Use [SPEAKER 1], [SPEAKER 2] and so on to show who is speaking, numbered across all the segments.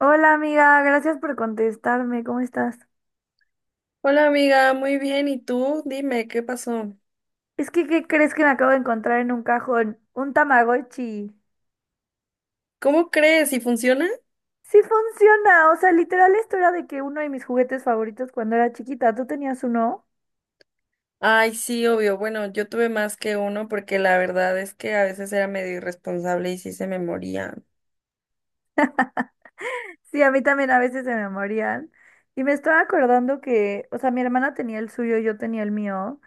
[SPEAKER 1] Hola amiga, gracias por contestarme, ¿cómo estás?
[SPEAKER 2] Hola amiga, muy bien. ¿Y tú? Dime, ¿qué pasó?
[SPEAKER 1] Es que, ¿qué crees que me acabo de encontrar en un cajón? Un Tamagotchi.
[SPEAKER 2] ¿Cómo crees? ¿Y funciona?
[SPEAKER 1] Sí funciona, o sea, literal esto era de que uno de mis juguetes favoritos cuando era chiquita, ¿tú tenías uno?
[SPEAKER 2] Ay, sí, obvio. Bueno, yo tuve más que uno porque la verdad es que a veces era medio irresponsable y sí se me moría.
[SPEAKER 1] Sí, a mí también a veces se me morían. Y me estaba acordando que, o sea, mi hermana tenía el suyo, yo tenía el mío.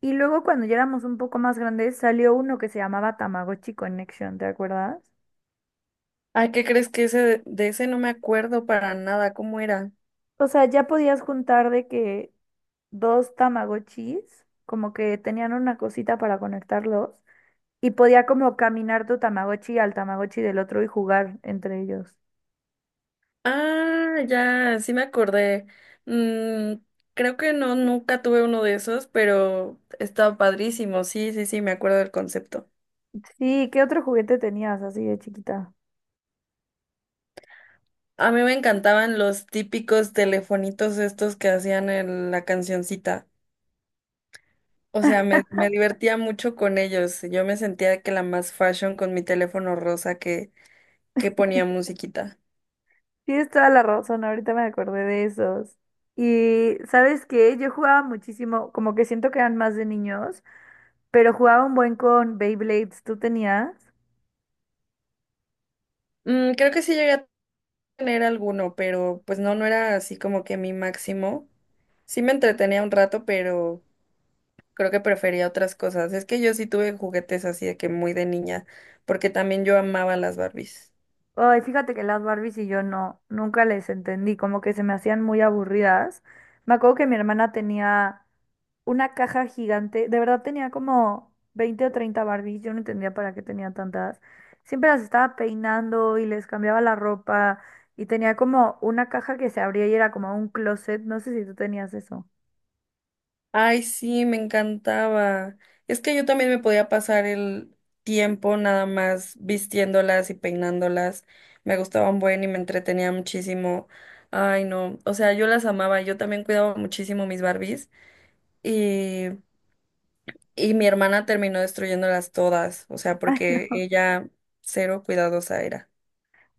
[SPEAKER 1] Y luego cuando ya éramos un poco más grandes salió uno que se llamaba Tamagotchi Connection, ¿te acuerdas?
[SPEAKER 2] Ay, ¿qué crees que ese de ese no me acuerdo para nada? ¿Cómo era?
[SPEAKER 1] O sea, ya podías juntar de que dos Tamagotchis, como que tenían una cosita para conectarlos y podía como caminar tu Tamagotchi al Tamagotchi del otro y jugar entre ellos.
[SPEAKER 2] Ah, ya, sí me acordé. Mm, creo que no, nunca tuve uno de esos, pero estaba padrísimo. Sí, sí, sí, me acuerdo del concepto.
[SPEAKER 1] Sí, ¿qué otro juguete tenías así de chiquita?
[SPEAKER 2] A mí me encantaban los típicos telefonitos estos que hacían en la cancioncita. O sea, me divertía mucho con ellos. Yo me sentía que la más fashion con mi teléfono rosa que ponía musiquita.
[SPEAKER 1] Tienes toda la razón, ahorita me acordé de esos. Y ¿sabes qué? Yo jugaba muchísimo, como que siento que eran más de niños, pero jugaba un buen con Beyblades, ¿tú tenías?
[SPEAKER 2] Creo que sí llegué a tener alguno, pero pues no, no era así como que mi máximo. Sí me entretenía un rato, pero creo que prefería otras cosas. Es que yo sí tuve juguetes así de que muy de niña, porque también yo amaba las Barbies.
[SPEAKER 1] Ay, fíjate que las Barbies y yo no, nunca les entendí, como que se me hacían muy aburridas. Me acuerdo que mi hermana tenía una caja gigante. De verdad tenía como 20 o 30 Barbies. Yo no entendía para qué tenía tantas. Siempre las estaba peinando y les cambiaba la ropa. Y tenía como una caja que se abría y era como un closet. No sé si tú tenías eso.
[SPEAKER 2] Ay, sí, me encantaba. Es que yo también me podía pasar el tiempo nada más vistiéndolas y peinándolas. Me gustaban buen y me entretenía muchísimo. Ay, no. O sea, yo las amaba. Yo también cuidaba muchísimo mis Barbies. Y, y mi hermana terminó destruyéndolas todas. O sea,
[SPEAKER 1] Ay,
[SPEAKER 2] porque
[SPEAKER 1] no.
[SPEAKER 2] ella cero cuidadosa era.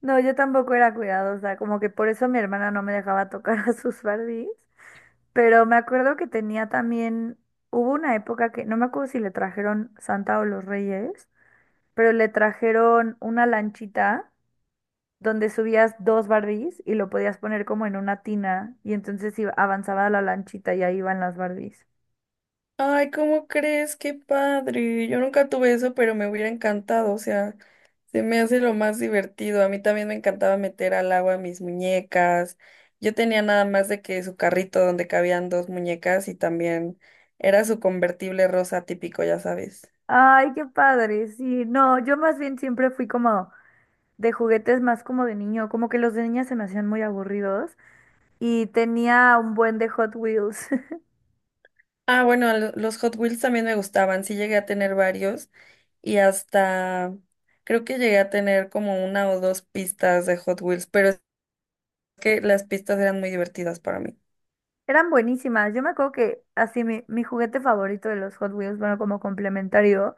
[SPEAKER 1] No, yo tampoco era cuidadosa. Como que por eso mi hermana no me dejaba tocar a sus Barbies. Pero me acuerdo que tenía también, hubo una época que, no me acuerdo si le trajeron Santa o los Reyes, pero le trajeron una lanchita donde subías dos Barbies y lo podías poner como en una tina y entonces avanzaba la lanchita y ahí iban las Barbies.
[SPEAKER 2] Ay, ¿cómo crees? Qué padre. Yo nunca tuve eso, pero me hubiera encantado. O sea, se me hace lo más divertido. A mí también me encantaba meter al agua mis muñecas. Yo tenía nada más de que su carrito donde cabían dos muñecas y también era su convertible rosa típico, ya sabes.
[SPEAKER 1] Ay, qué padre, sí, no, yo más bien siempre fui como de juguetes más como de niño, como que los de niña se me hacían muy aburridos y tenía un buen de Hot Wheels.
[SPEAKER 2] Ah, bueno, los Hot Wheels también me gustaban. Sí llegué a tener varios y hasta creo que llegué a tener como una o dos pistas de Hot Wheels, pero es que las pistas eran muy divertidas para mí.
[SPEAKER 1] Eran buenísimas. Yo me acuerdo que así mi juguete favorito de los Hot Wheels, bueno, como complementario,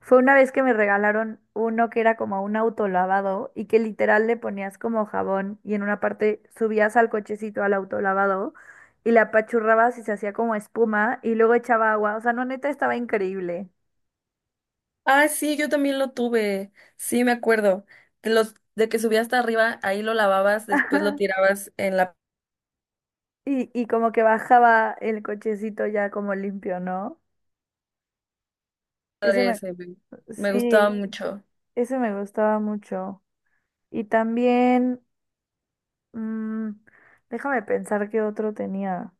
[SPEAKER 1] fue una vez que me regalaron uno que era como un autolavado y que literal le ponías como jabón y en una parte subías al cochecito al autolavado y la apachurrabas y se hacía como espuma y luego echaba agua. O sea, no, neta, estaba increíble.
[SPEAKER 2] Ah, sí, yo también lo tuve. Sí, me acuerdo. De los de que subía hasta arriba, ahí lo lavabas, después lo
[SPEAKER 1] Ajá.
[SPEAKER 2] tirabas en la
[SPEAKER 1] Y como que bajaba el cochecito ya como limpio, ¿no? Ese
[SPEAKER 2] padre
[SPEAKER 1] me,
[SPEAKER 2] ese, me me gustaba
[SPEAKER 1] sí,
[SPEAKER 2] mucho.
[SPEAKER 1] ese me gustaba mucho. Y también. Mm, déjame pensar qué otro tenía.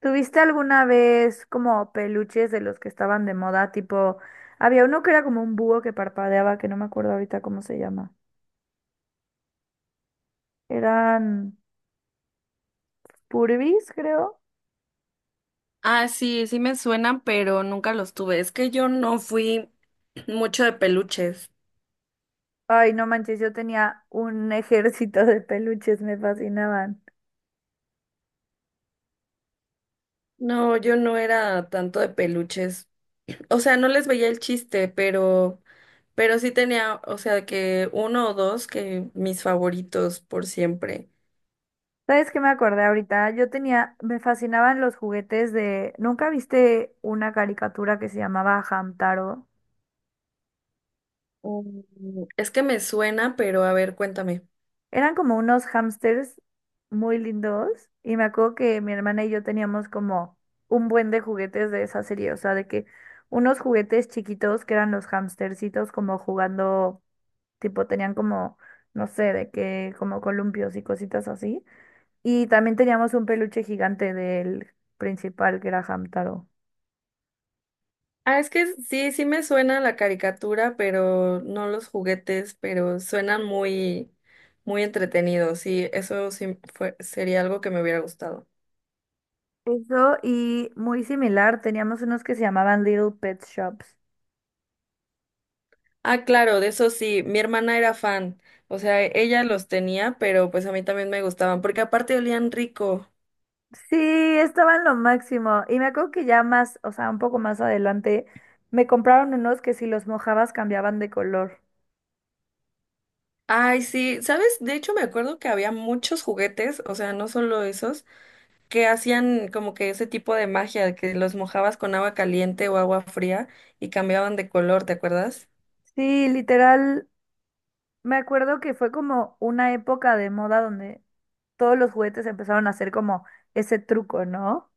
[SPEAKER 1] ¿Tuviste alguna vez como peluches de los que estaban de moda? Tipo, había uno que era como un búho que parpadeaba, que no me acuerdo ahorita cómo se llama. Eran Furbies, creo.
[SPEAKER 2] Ah, sí, sí me suenan, pero nunca los tuve. Es que yo no fui mucho de peluches.
[SPEAKER 1] Ay, no manches, yo tenía un ejército de peluches, me fascinaban.
[SPEAKER 2] No, yo no era tanto de peluches. O sea, no les veía el chiste, pero sí tenía, o sea, que uno o dos que mis favoritos por siempre.
[SPEAKER 1] ¿Sabes qué me acordé ahorita? Yo tenía, me fascinaban los juguetes de… ¿Nunca viste una caricatura que se llamaba Hamtaro?
[SPEAKER 2] Mm. Es que me suena, pero a ver, cuéntame.
[SPEAKER 1] Eran como unos hámsters muy lindos y me acuerdo que mi hermana y yo teníamos como un buen de juguetes de esa serie, o sea, de que unos juguetes chiquitos que eran los hamstercitos como jugando, tipo tenían como, no sé, de que como columpios y cositas así. Y también teníamos un peluche gigante del principal que era Hamtaro.
[SPEAKER 2] Ah, es que sí, sí me suena la caricatura, pero no los juguetes, pero suenan muy, muy entretenidos. Sí, eso sí fue, sería algo que me hubiera gustado.
[SPEAKER 1] Eso y muy similar, teníamos unos que se llamaban Little Pet Shops.
[SPEAKER 2] Ah, claro, de eso sí, mi hermana era fan. O sea, ella los tenía, pero pues a mí también me gustaban, porque aparte olían rico.
[SPEAKER 1] Sí, estaban lo máximo. Y me acuerdo que ya más, o sea, un poco más adelante, me compraron unos que si los mojabas cambiaban de color.
[SPEAKER 2] Ay, sí, ¿sabes? De hecho, me acuerdo que había muchos juguetes, o sea, no solo esos, que hacían como que ese tipo de magia, que los mojabas con agua caliente o agua fría y cambiaban de color, ¿te acuerdas?
[SPEAKER 1] Sí, literal, me acuerdo que fue como una época de moda donde todos los juguetes empezaron a hacer como ese truco, ¿no?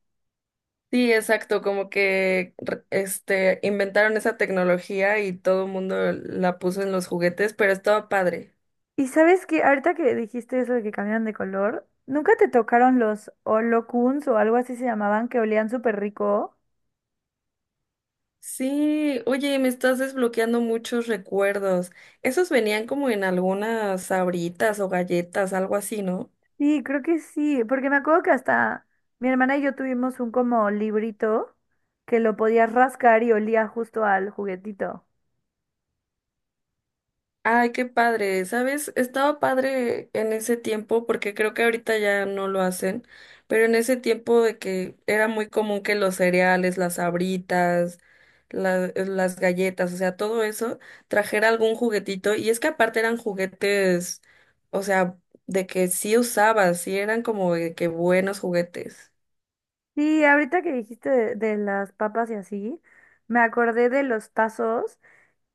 [SPEAKER 2] Sí, exacto, como que este inventaron esa tecnología y todo el mundo la puso en los juguetes, pero estaba padre.
[SPEAKER 1] Y sabes que ahorita que dijiste eso de que cambiaban de color, ¿nunca te tocaron los Olocuns o algo así se llamaban que olían súper rico?
[SPEAKER 2] Sí, oye, me estás desbloqueando muchos recuerdos. Esos venían como en algunas sabritas o galletas, algo así, ¿no?
[SPEAKER 1] Sí, creo que sí, porque me acuerdo que hasta mi hermana y yo tuvimos un como librito que lo podías rascar y olía justo al juguetito.
[SPEAKER 2] Ay, qué padre, ¿sabes? Estaba padre en ese tiempo, porque creo que ahorita ya no lo hacen, pero en ese tiempo de que era muy común que los cereales, las sabritas, las galletas, o sea, todo eso, trajera algún juguetito, y es que aparte eran juguetes, o sea, de que sí usabas, sí eran como de que buenos juguetes.
[SPEAKER 1] Sí, ahorita que dijiste de las papas y así, me acordé de los tazos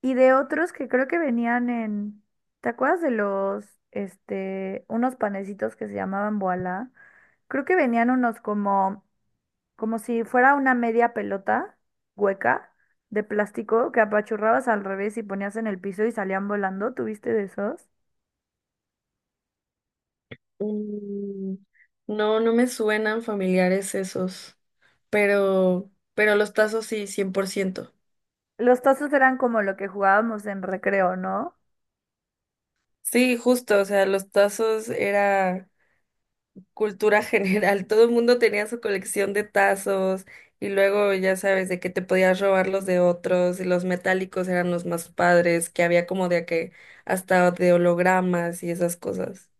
[SPEAKER 1] y de otros que creo que venían en, ¿te acuerdas de los, este, unos panecitos que se llamaban boala? Creo que venían unos como como si fuera una media pelota hueca de plástico que apachurrabas al revés y ponías en el piso y salían volando. ¿Tuviste de esos?
[SPEAKER 2] Mm, No, no me suenan familiares esos, pero, pero los tazos sí, 100%.
[SPEAKER 1] Los tazos eran como lo que jugábamos en recreo, ¿no?
[SPEAKER 2] Sí, justo, o sea, los tazos era cultura general, todo el mundo tenía su colección de tazos y luego ya sabes de que te podías robar los de otros y los metálicos eran los más padres, que había como de que hasta de hologramas y esas cosas.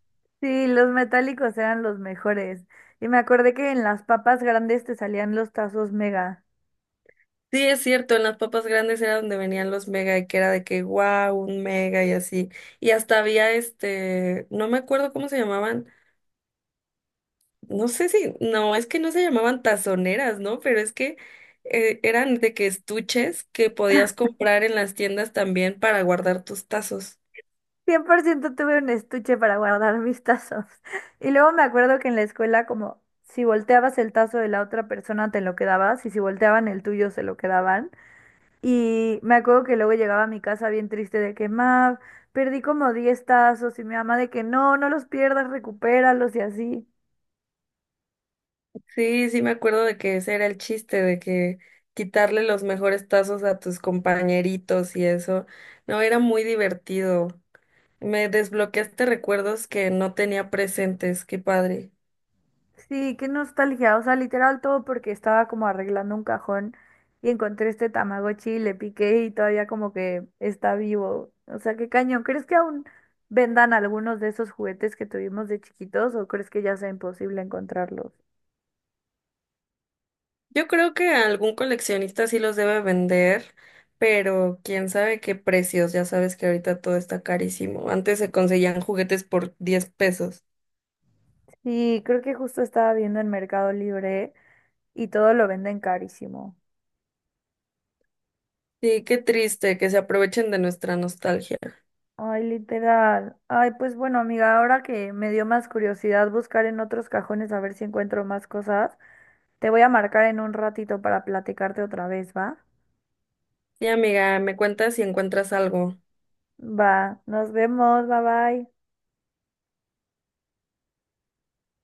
[SPEAKER 1] Sí, los metálicos eran los mejores. Y me acordé que en las papas grandes te salían los tazos mega.
[SPEAKER 2] Sí, es cierto, en las papas grandes era donde venían los mega y que era de que wow, un mega y así. Y hasta había no me acuerdo cómo se llamaban, no sé si, no, es que no se llamaban tazoneras, ¿no? Pero es que eran de que estuches que podías comprar en las tiendas también para guardar tus tazos.
[SPEAKER 1] 100% tuve un estuche para guardar mis tazos. Y luego me acuerdo que en la escuela, como si volteabas el tazo de la otra persona, te lo quedabas, y si volteaban el tuyo, se lo quedaban. Y me acuerdo que luego llegaba a mi casa bien triste de que, ma, perdí como 10 tazos y mi mamá de que no, no los pierdas, recupéralos y así.
[SPEAKER 2] Sí, sí me acuerdo de que ese era el chiste, de que quitarle los mejores tazos a tus compañeritos y eso. No, era muy divertido. Me desbloqueaste recuerdos que no tenía presentes, qué padre.
[SPEAKER 1] Sí, qué nostalgia, o sea, literal todo porque estaba como arreglando un cajón y encontré este Tamagotchi y le piqué y todavía como que está vivo. O sea, qué cañón. ¿Crees que aún vendan algunos de esos juguetes que tuvimos de chiquitos o crees que ya sea imposible encontrarlos?
[SPEAKER 2] Yo creo que algún coleccionista sí los debe vender, pero quién sabe qué precios. Ya sabes que ahorita todo está carísimo. Antes se conseguían juguetes por 10 pesos.
[SPEAKER 1] Sí, creo que justo estaba viendo en Mercado Libre y todo lo venden carísimo.
[SPEAKER 2] Sí, qué triste que se aprovechen de nuestra nostalgia.
[SPEAKER 1] Ay, literal. Ay, pues bueno, amiga, ahora que me dio más curiosidad buscar en otros cajones a ver si encuentro más cosas, te voy a marcar en un ratito para platicarte otra vez, ¿va?
[SPEAKER 2] Sí, amiga, me cuentas si encuentras algo.
[SPEAKER 1] Va, nos vemos, bye bye.